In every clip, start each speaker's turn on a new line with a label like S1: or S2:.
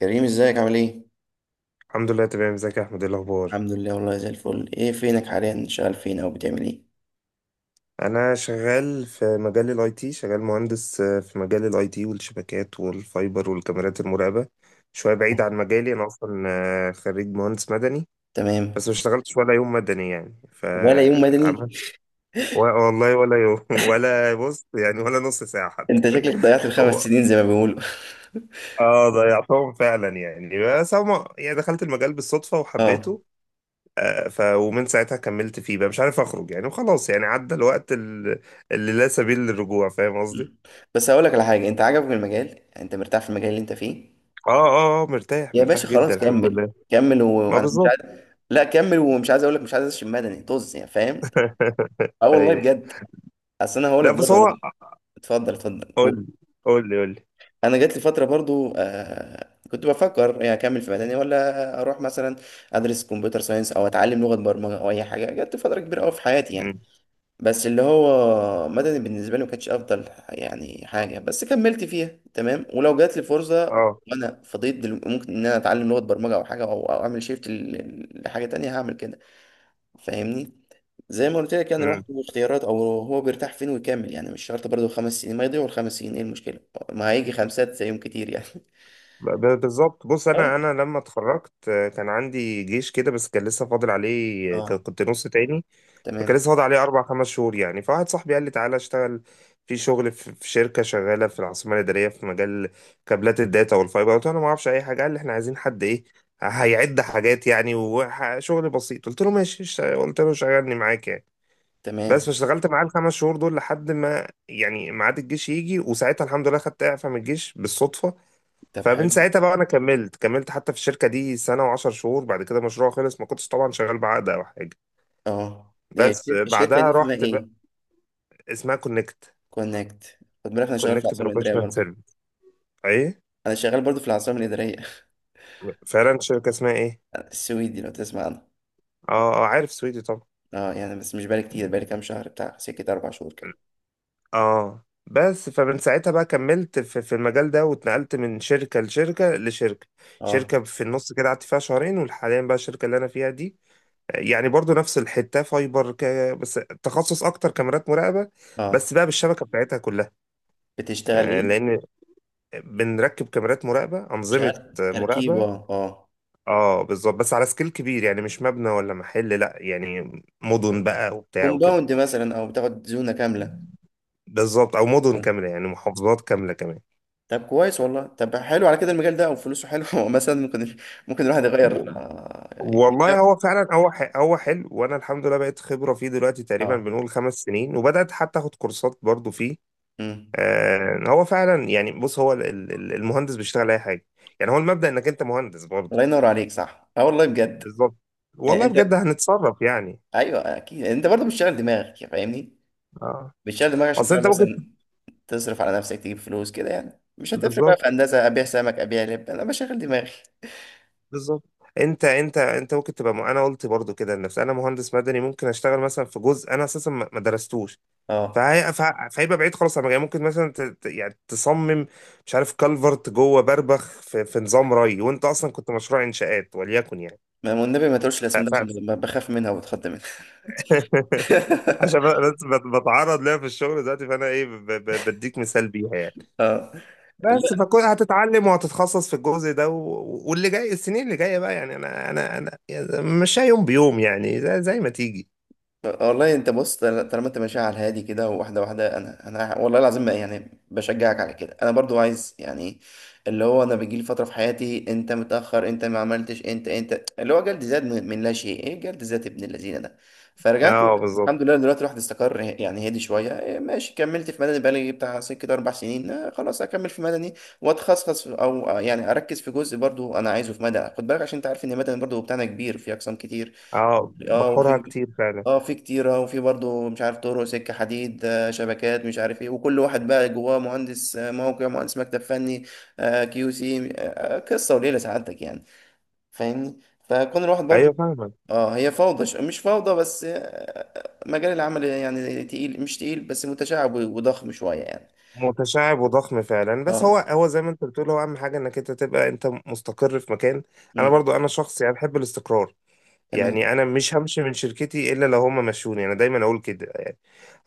S1: كريم ازيك عامل ايه؟
S2: الحمد لله تمام. ازيك يا احمد؟ ايه الاخبار؟
S1: الحمد لله والله زي الفل، ايه فينك حاليا؟ شغال فين او بتعمل ايه؟
S2: انا شغال في مجال الاي تي، شغال مهندس في مجال الاي تي والشبكات والفايبر والكاميرات المراقبه. شويه بعيد عن
S1: اه،
S2: مجالي انا اصلا. خريج مهندس مدني.
S1: تمام.
S2: بس ما اشتغلتش ولا يوم مدني يعني
S1: ولا يوم مدني.
S2: فعملت. و- والله ولا يوم ولا بص يعني ولا نص ساعه حتى.
S1: انت شكلك ضيعت الخمس
S2: هو-
S1: سنين زي ما بيقولوا.
S2: اه ضيعتهم فعلا يعني، بس هما يعني دخلت المجال بالصدفه
S1: اه.
S2: وحبيته. آه، ف ومن ساعتها كملت فيه، بقى مش عارف اخرج يعني، وخلاص يعني عدى الوقت اللي لا سبيل للرجوع. فاهم قصدي؟
S1: مم. بس هقول لك على حاجه، انت عجبك المجال؟ يعني انت مرتاح في المجال اللي انت فيه؟
S2: اه اه اه، مرتاح
S1: يا
S2: مرتاح
S1: باشا
S2: جدا
S1: خلاص
S2: الحمد
S1: كمل.
S2: لله.
S1: كمل
S2: ما
S1: وانا مش
S2: بالظبط.
S1: عايز. لا كمل، ومش عايز اقول لك مش عايز اشم مدني، طز يعني، فاهم. اه والله
S2: ايوه.
S1: بجد. اصل انا هقول
S2: لا
S1: لك
S2: بس
S1: برضه انا.
S2: هو.
S1: اتفضل اتفضل
S2: قول
S1: قول.
S2: لي قول لي قول لي.
S1: انا جات لي فتره برضو كنت بفكر يعني اكمل في مدني ولا اروح مثلا ادرس كمبيوتر ساينس او اتعلم لغه برمجه او اي حاجه. جات لي فتره كبيره قوي في حياتي.
S2: مم.
S1: بس اللي هو مدني بالنسبه لي ما كانتش افضل يعني حاجه، بس كملت فيها تمام. ولو جات لي فرصه
S2: اه.
S1: وانا فضيت ممكن ان انا اتعلم لغه برمجه او حاجه، أو اعمل شيفت لحاجه تانية، هعمل كده. فاهمني. زي ما قلت لك يعني الواحد
S2: مم.
S1: له اختيارات، او هو بيرتاح فين ويكمل، يعني مش شرط برضه خمس سنين. ما يضيعوا الخمس سنين، ايه المشكله؟ ما هيجي خمسات زيهم كتير يعني.
S2: بالظبط. بص
S1: اه
S2: انا لما اتخرجت كان عندي جيش كده، بس كان لسه فاضل عليه،
S1: اه.
S2: كنت نص تاني. فكان
S1: تمام
S2: لسه فاضل عليه أربع خمس شهور يعني، فواحد صاحبي قال لي تعالى اشتغل في شغل في شركة شغالة في العاصمة الإدارية في مجال كابلات الداتا والفايبر. قلت له أنا ما أعرفش أي حاجة. قال لي إحنا عايزين حد إيه، هيعد حاجات يعني وشغل بسيط. قلت له ماشي قلت له شغلني معاك يعني. بس
S1: تمام.
S2: فاشتغلت معاه الخمس شهور دول لحد ما يعني ميعاد الجيش يجي، وساعتها الحمد لله خدت إعفاء من الجيش بالصدفة.
S1: طب
S2: فمن
S1: حلو.
S2: ساعتها بقى أنا كملت حتى في الشركة دي سنة وعشر شهور. بعد كده المشروع خلص، ما كنتش طبعا شغال بعقد أو حاجة.
S1: اه،
S2: بس
S1: الشركه دي
S2: بعدها
S1: اسمها
S2: رحت.
S1: ايه؟
S2: اسمها كونكت.
S1: كونكت. خد بالك انا شغال في
S2: كونكت
S1: العاصمه الاداريه
S2: بروفيشنال
S1: برضه.
S2: سيرفيس. ايه.
S1: انا شغال برضه في العاصمه الاداريه.
S2: فعلا، شركه اسمها ايه؟
S1: السويدي، لو تسمع عنها.
S2: اه اه عارف سويدي طبعا.
S1: اه، يعني بس مش بقالي كتير، بقالي كام شهر، بتاع سكه اربع شهور كده.
S2: اه بس فمن ساعتها بقى كملت في المجال ده، واتنقلت من شركة لشركة لشركة.
S1: اه
S2: شركة في النص كده قعدت فيها شهرين، وحاليا بقى الشركة اللي أنا فيها دي يعني برضو نفس الحتة، فايبر بس تخصص أكتر كاميرات مراقبة.
S1: اه.
S2: بس بقى بالشبكة بتاعتها كلها.
S1: بتشتغل ايه؟
S2: لأن بنركب كاميرات مراقبة، أنظمة
S1: شغال تركيب؟
S2: مراقبة.
S1: اه اه.
S2: اه بالظبط، بس على سكيل كبير يعني، مش مبنى ولا محل لا يعني، مدن بقى وبتاع وكده.
S1: كومباوند مثلا، او بتاخد زونه كامله؟
S2: بالظبط، او مدن كامله يعني، محافظات كامله كمان.
S1: طب كويس والله، طب حلو. على كده المجال ده او فلوسه حلو. مثلا ممكن، ممكن الواحد
S2: و-
S1: يغير، اه،
S2: والله هو فعلا هو حلو، وانا الحمد لله بقيت خبره فيه دلوقتي، تقريبا
S1: آه.
S2: بنقول 5 سنين، وبدات حتى اخد كورسات برضو فيه.
S1: مم.
S2: هو فعلا يعني بص هو المهندس بيشتغل اي حاجه يعني، هو المبدا انك انت مهندس برضو.
S1: الله ينور عليك، صح. اه والله بجد.
S2: بالظبط.
S1: يعني
S2: والله
S1: انت،
S2: بجد هنتصرف يعني.
S1: ايوه اكيد انت برضه بتشتغل دماغك، فاهمني.
S2: اه
S1: بتشتغل دماغك عشان
S2: اصل
S1: تعرف
S2: انت ممكن.
S1: مثلا تصرف على نفسك، تجيب فلوس كده، يعني مش هتفرق بقى
S2: بالظبط
S1: في هندسه. ابيع سمك، ابيع لب، انا بشغل دماغي.
S2: بالظبط. انت انت ممكن تبقى. انا قلت برضو كده لنفسي، انا مهندس مدني ممكن اشتغل مثلا في جزء انا اساسا ما درستوش،
S1: اه،
S2: فهيبقى بعيد خالص عن مجالي. ممكن مثلا يعني تصمم مش عارف كالفرت جوه بربخ في نظام ري، وانت اصلا كنت مشروع انشاءات وليكن يعني.
S1: والنبي ما تقولش
S2: ف...
S1: الاسم ده،
S2: ف...
S1: عشان بخاف منها وبتخض منها.
S2: عشان بس بتعرض ليها في الشغل دلوقتي، فانا ايه، بديك مثال بيها يعني.
S1: اه. لا
S2: بس فكل هتتعلم وهتتخصص في الجزء ده واللي جاي السنين اللي جايه بقى يعني انا انا يعني، مش يوم بيوم يعني، زي ما تيجي.
S1: والله. انت بص، طالما انت ماشي على الهادي كده واحده واحده، انا انا والله العظيم يعني بشجعك على كده. انا برضو عايز يعني، اللي هو انا بيجي لي فتره في حياتي انت متاخر، انت ما عملتش، انت انت اللي هو جلد ذات من لا شيء، ايه، جلد ذات ابن الذين ده. فرجعت
S2: اه بالظبط.
S1: الحمد لله دلوقتي الواحد استقر يعني، هدي شويه، إيه ماشي كملت في مدني بقالي بتاع سكه كده اربع سنين، خلاص اكمل في مدني واتخصص او، يعني اركز في جزء برضو انا عايزه في مدني. خد بالك عشان انت عارف ان مدني برضو بتاعنا كبير في اقسام كتير.
S2: اه
S1: اه
S2: بحورها
S1: وفي،
S2: كتير فعلا.
S1: اه في كتيرة، وفي برضو مش عارف طرق، سكة حديد، شبكات، مش عارف ايه. وكل واحد بقى جواه مهندس موقع، مهندس مكتب فني، كيو سي، قصة وليلة سعادتك يعني. فاهمني. فكون الواحد
S2: ايوه
S1: برضو،
S2: فاهمك.
S1: اه، هي فوضى، مش فوضى، بس مجال العمل يعني تقيل، مش تقيل، بس متشعب وضخم شوية يعني.
S2: متشعب وضخم فعلا، بس هو
S1: اه.
S2: هو زي ما انت بتقول، هو اهم حاجه انك انت تبقى انت مستقر في مكان. انا
S1: مم.
S2: برضو انا شخص يعني بحب الاستقرار. يعني
S1: تمام.
S2: انا مش همشي من شركتي الا لو هما مشوني، انا دايما اقول كده يعني.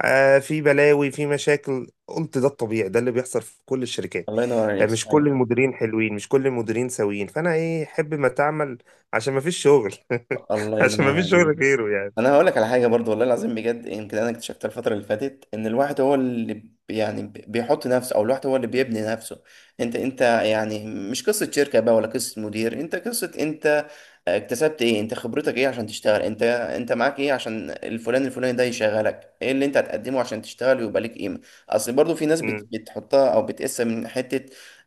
S2: في بلاوي في مشاكل، قلت ده الطبيعي، ده اللي بيحصل في كل الشركات.
S1: الله ينور عليك،
S2: مش كل
S1: صحيح.
S2: المديرين حلوين، مش كل المديرين سويين، فانا ايه احب ما تعمل عشان ما فيش شغل
S1: الله
S2: عشان ما
S1: ينور
S2: فيش
S1: عليك.
S2: شغل غيره يعني.
S1: انا هقول لك على حاجه برضو، والله العظيم بجد يمكن انا اكتشفتها الفتره اللي فاتت، ان الواحد هو اللي يعني بيحط نفسه، او الواحد هو اللي بيبني نفسه. انت انت يعني مش قصه شركه بقى، ولا قصه مدير، انت قصه انت. اكتسبت ايه، انت خبرتك ايه عشان تشتغل، انت انت معاك ايه عشان الفلان الفلاني ده يشغلك، ايه اللي انت هتقدمه عشان تشتغل ويبقى ليك قيمه. اصل برضو في ناس
S2: مم.
S1: بتحطها او بتقيسها من حته.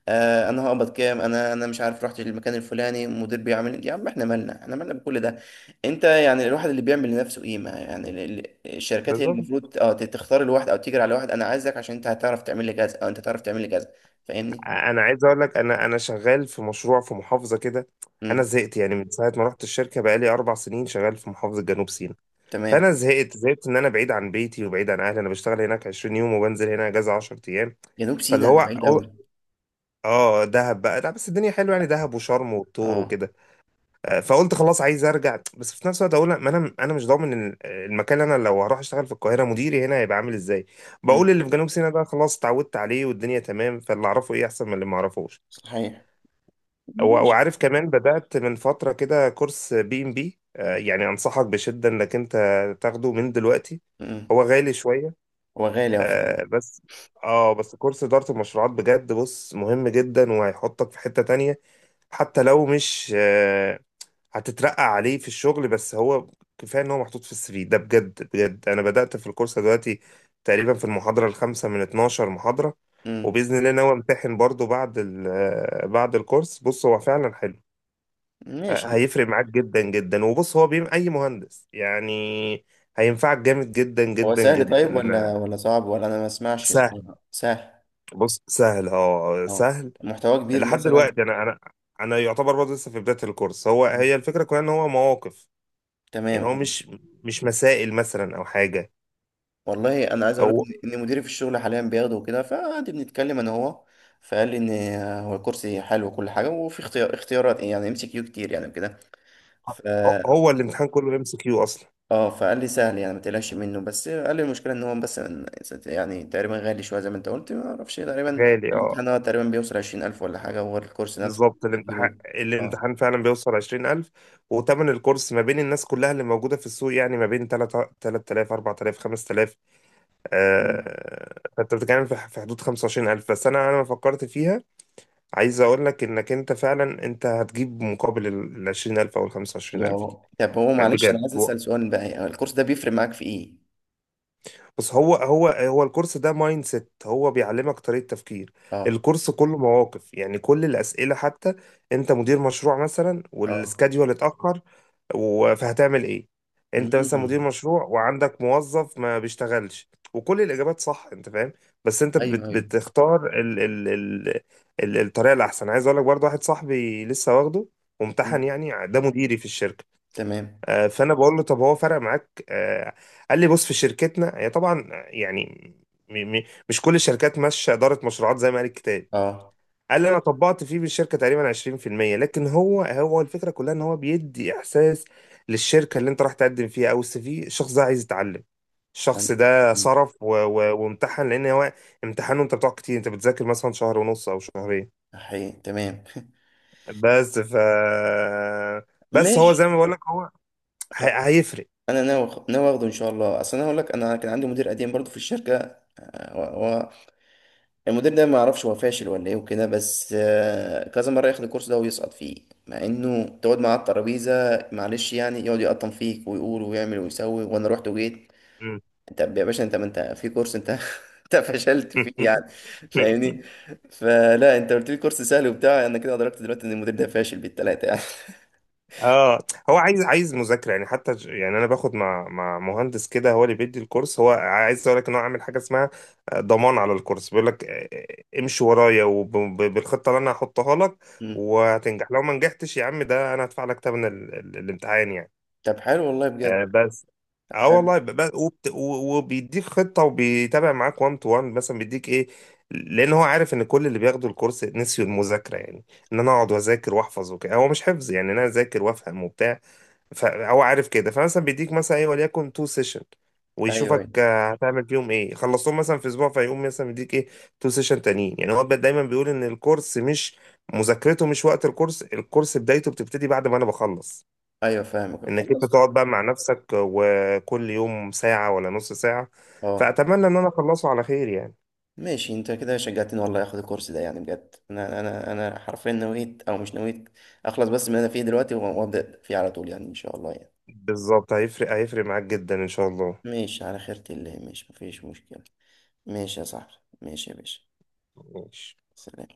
S1: آه، انا هقبض كام، انا انا مش عارف رحت للمكان الفلاني المدير بيعمل، يا عم احنا مالنا، احنا مالنا بكل ده. انت يعني الواحد اللي بيعمل لنفسه قيمه، يعني الشركات هي
S2: بالظبط.
S1: المفروض اه تختار الواحد، او تجري على واحد انا عايزك، عشان انت هتعرف تعمل لي كذا، او انت هتعرف تعمل لي كذا. فاهمني.
S2: انا عايز اقول لك انا شغال في مشروع في محافظه كده. انا
S1: امم.
S2: زهقت يعني من ساعه ما رحت الشركه بقالي 4 سنين شغال في محافظه جنوب سيناء.
S1: تمام.
S2: فانا زهقت زهقت ان انا بعيد عن بيتي وبعيد عن اهلي، انا بشتغل هناك 20 يوم وبنزل هنا اجازه 10 ايام.
S1: جنوب
S2: فاللي
S1: سيناء
S2: هو
S1: ده بعيد قوي.
S2: اه، دهب بقى، لا بس الدنيا حلوه يعني، دهب وشرم والطور
S1: اه.
S2: وكده. فقلت خلاص عايز ارجع، بس في نفس الوقت اقول لا، ما انا مش ضامن المكان اللي انا لو هروح اشتغل في القاهره، مديري هنا هيبقى عامل ازاي.
S1: امم.
S2: بقول اللي في جنوب سيناء ده خلاص اتعودت عليه والدنيا تمام، فاللي اعرفه ايه احسن من اللي ما اعرفوش.
S1: صحيح. ماشي.
S2: وعارف كمان بدأت من فترة كده كورس بي ام بي، يعني أنصحك بشدة إنك أنت تاخده من دلوقتي.
S1: مم.
S2: هو غالي شوية.
S1: هو غالي، هو فعلا.
S2: بس اه، بس كورس إدارة المشروعات بجد بص مهم جدا، وهيحطك في حتة تانية. حتى لو مش هتترقى عليه في الشغل، بس هو كفاية إن هو محطوط في السي في ده. بجد بجد أنا بدأت في الكورس دلوقتي، تقريبا في المحاضرة الخامسة من 12 محاضرة،
S1: مم.
S2: وبإذن الله ناوي أمتحن برضو بعد بعد الكورس. بص هو فعلا حلو،
S1: ماشي.
S2: هيفرق معاك جدا جدا، وبص هو بيم اي مهندس يعني، هينفعك جامد جدا
S1: هو
S2: جدا
S1: سهل
S2: جدا.
S1: طيب، ولا ولا صعب؟ ولا انا ما اسمعش
S2: سهل.
S1: صراحة. سهل.
S2: بص سهل، اه
S1: اه.
S2: سهل.
S1: محتواه كبير
S2: لحد
S1: مثلا؟
S2: دلوقتي انا انا يعتبر برضه لسه في بداية الكورس. هو
S1: مم.
S2: هي الفكرة كلها ان هو مواقف
S1: تمام
S2: يعني، هو
S1: آه.
S2: مش مسائل مثلا او حاجة.
S1: والله انا عايز اقول لك
S2: هو
S1: ان إن مديري في الشغل حاليا بياخده وكده، فقعد بنتكلم انا هو. فقال لي ان هو الكرسي حلو وكل حاجه، وفي اختيارات يعني ام سي كيو كتير يعني كده.
S2: هو الامتحان كله ام سي كيو اصلا.
S1: اه، فقال لي سهل يعني ما تقلقش منه، بس قال لي المشكله ان هو بس يعني تقريبا غالي شويه زي ما انت قلت، ما اعرفش تقريبا
S2: غالي اه.
S1: الامتحان هو تقريبا بيوصل 20,000 ولا حاجه، وغير الكورس نفسه
S2: بالظبط، الامتحان
S1: بتجيبه. اه.
S2: الامتحان فعلا بيوصل 20000، وتمن الكورس ما بين الناس كلها اللي موجودة في السوق يعني ما بين 3 3000 4000 5000.
S1: مم.
S2: فانت بتتكلم في حدود 25000. بس انا لما فكرت فيها، عايز اقول لك انك انت فعلا انت هتجيب مقابل ال 20000 او ال
S1: يا
S2: 25000 دي.
S1: رب. طب هو معلش انا
S2: بجد
S1: عايز اسال سؤال بقى، يعني الكورس ده بيفرق معاك في ايه؟
S2: بس هو الكورس ده مايند سيت، هو بيعلمك طريقة تفكير.
S1: اه
S2: الكورس كله مواقف يعني، كل الأسئلة حتى. انت مدير مشروع مثلا
S1: اه.
S2: والسكاديول اتأخر فهتعمل ايه؟ انت مثلا مدير
S1: مم.
S2: مشروع وعندك موظف ما بيشتغلش، وكل الاجابات صح، انت فاهم. بس انت
S1: ايوه ايوه.
S2: بتختار ال الطريقه الاحسن. عايز اقول لك برضه واحد صاحبي لسه واخده وامتحن
S1: مم.
S2: يعني، ده مديري في الشركه.
S1: تمام.
S2: فانا بقول له طب هو فرق معاك. قال لي بص في شركتنا هي طبعا يعني م- م- مش كل الشركات ماشيه اداره مشروعات زي ما قال الكتاب.
S1: اه.
S2: قال لي انا طبقت فيه بالشركه تقريبا 20%، لكن هو الفكره كلها ان هو بيدي احساس للشركه اللي انت راح تقدم فيها، او السي في الشخص ده عايز يتعلم، الشخص
S1: مم.
S2: ده صرف وامتحن لان هو، امتحانه انت بتقعد كتير، انت بتذاكر مثلا شهر ونص او شهرين.
S1: حقيقي تمام.
S2: بس ف بس هو
S1: ماشي.
S2: زي ما بقول لك، هو
S1: خ-
S2: هيفرق.
S1: انا ناوي ناوي اخده ان شاء الله. اصل انا اقول لك انا كان عندي مدير قديم برضو في الشركه، المدير ده ما يعرفش هو فاشل ولا ايه وكده، بس كذا مره ياخد الكورس ده ويسقط فيه، مع انه تقعد معاه على الترابيزه، معلش يعني يقعد يقطم فيك ويقول ويعمل ويسوي، وانا رحت وجيت انت يا باشا، انت ما انت في كورس انت. انت فشلت فيه يعني، فاهمني. فلا، انت قلت لي كورس سهل وبتاع، انا كده ادركت دلوقتي ان المدير ده فاشل بالثلاثه يعني.
S2: اه هو عايز مذاكره يعني. حتى يعني انا باخد مع مهندس كده هو اللي بيدي الكورس. هو عايز اقول لك ان هو عامل حاجه اسمها ضمان على الكورس، بيقول لك امشي ورايا وبالخطه اللي انا هحطها لك،
S1: مم.
S2: وهتنجح. لو ما نجحتش يا عم ده انا هدفع لك ثمن الامتحان يعني.
S1: طب حلو والله بجد.
S2: بس
S1: طب
S2: اه
S1: حلو.
S2: والله وبيديك خطه، وبيتابع معاك 1 تو 1 مثلا، بيديك ايه، لان هو عارف ان كل اللي بياخدوا الكورس نسيوا المذاكره يعني، ان انا اقعد واذاكر واحفظ وكده. هو مش حفظ يعني، إن انا اذاكر وافهم وبتاع. فهو عارف كده، فمثلا بيديك مثلا ايه وليكن تو سيشن،
S1: ايوه
S2: ويشوفك
S1: ايوه.
S2: هتعمل فيهم ايه، خلصتهم مثلا في اسبوع، فيقوم مثلا بيديك ايه تو سيشن تانيين. يعني هو دايما بيقول ان الكورس مش مذاكرته مش وقت الكورس، الكورس بدايته بتبتدي بعد ما انا بخلص،
S1: ايوه فاهمك
S2: انك انت
S1: خلاص.
S2: تقعد بقى مع نفسك وكل يوم ساعة ولا نص ساعة.
S1: اه.
S2: فأتمنى ان انا اخلصه على خير يعني.
S1: ماشي، انت كده شجعتني والله اخد الكورس ده يعني بجد. انا انا انا حرفيا نويت، او مش نويت اخلص بس من اللي انا فيه دلوقتي، وابدا فيه على طول يعني ان شاء الله يعني.
S2: بالظبط، هيفرق معاك جدا ان شاء الله.
S1: ماشي، على خيرة الله، ماشي مفيش مشكلة. ماشي يا صاحبي. ماشي يا باشا.
S2: ماشي
S1: سلام.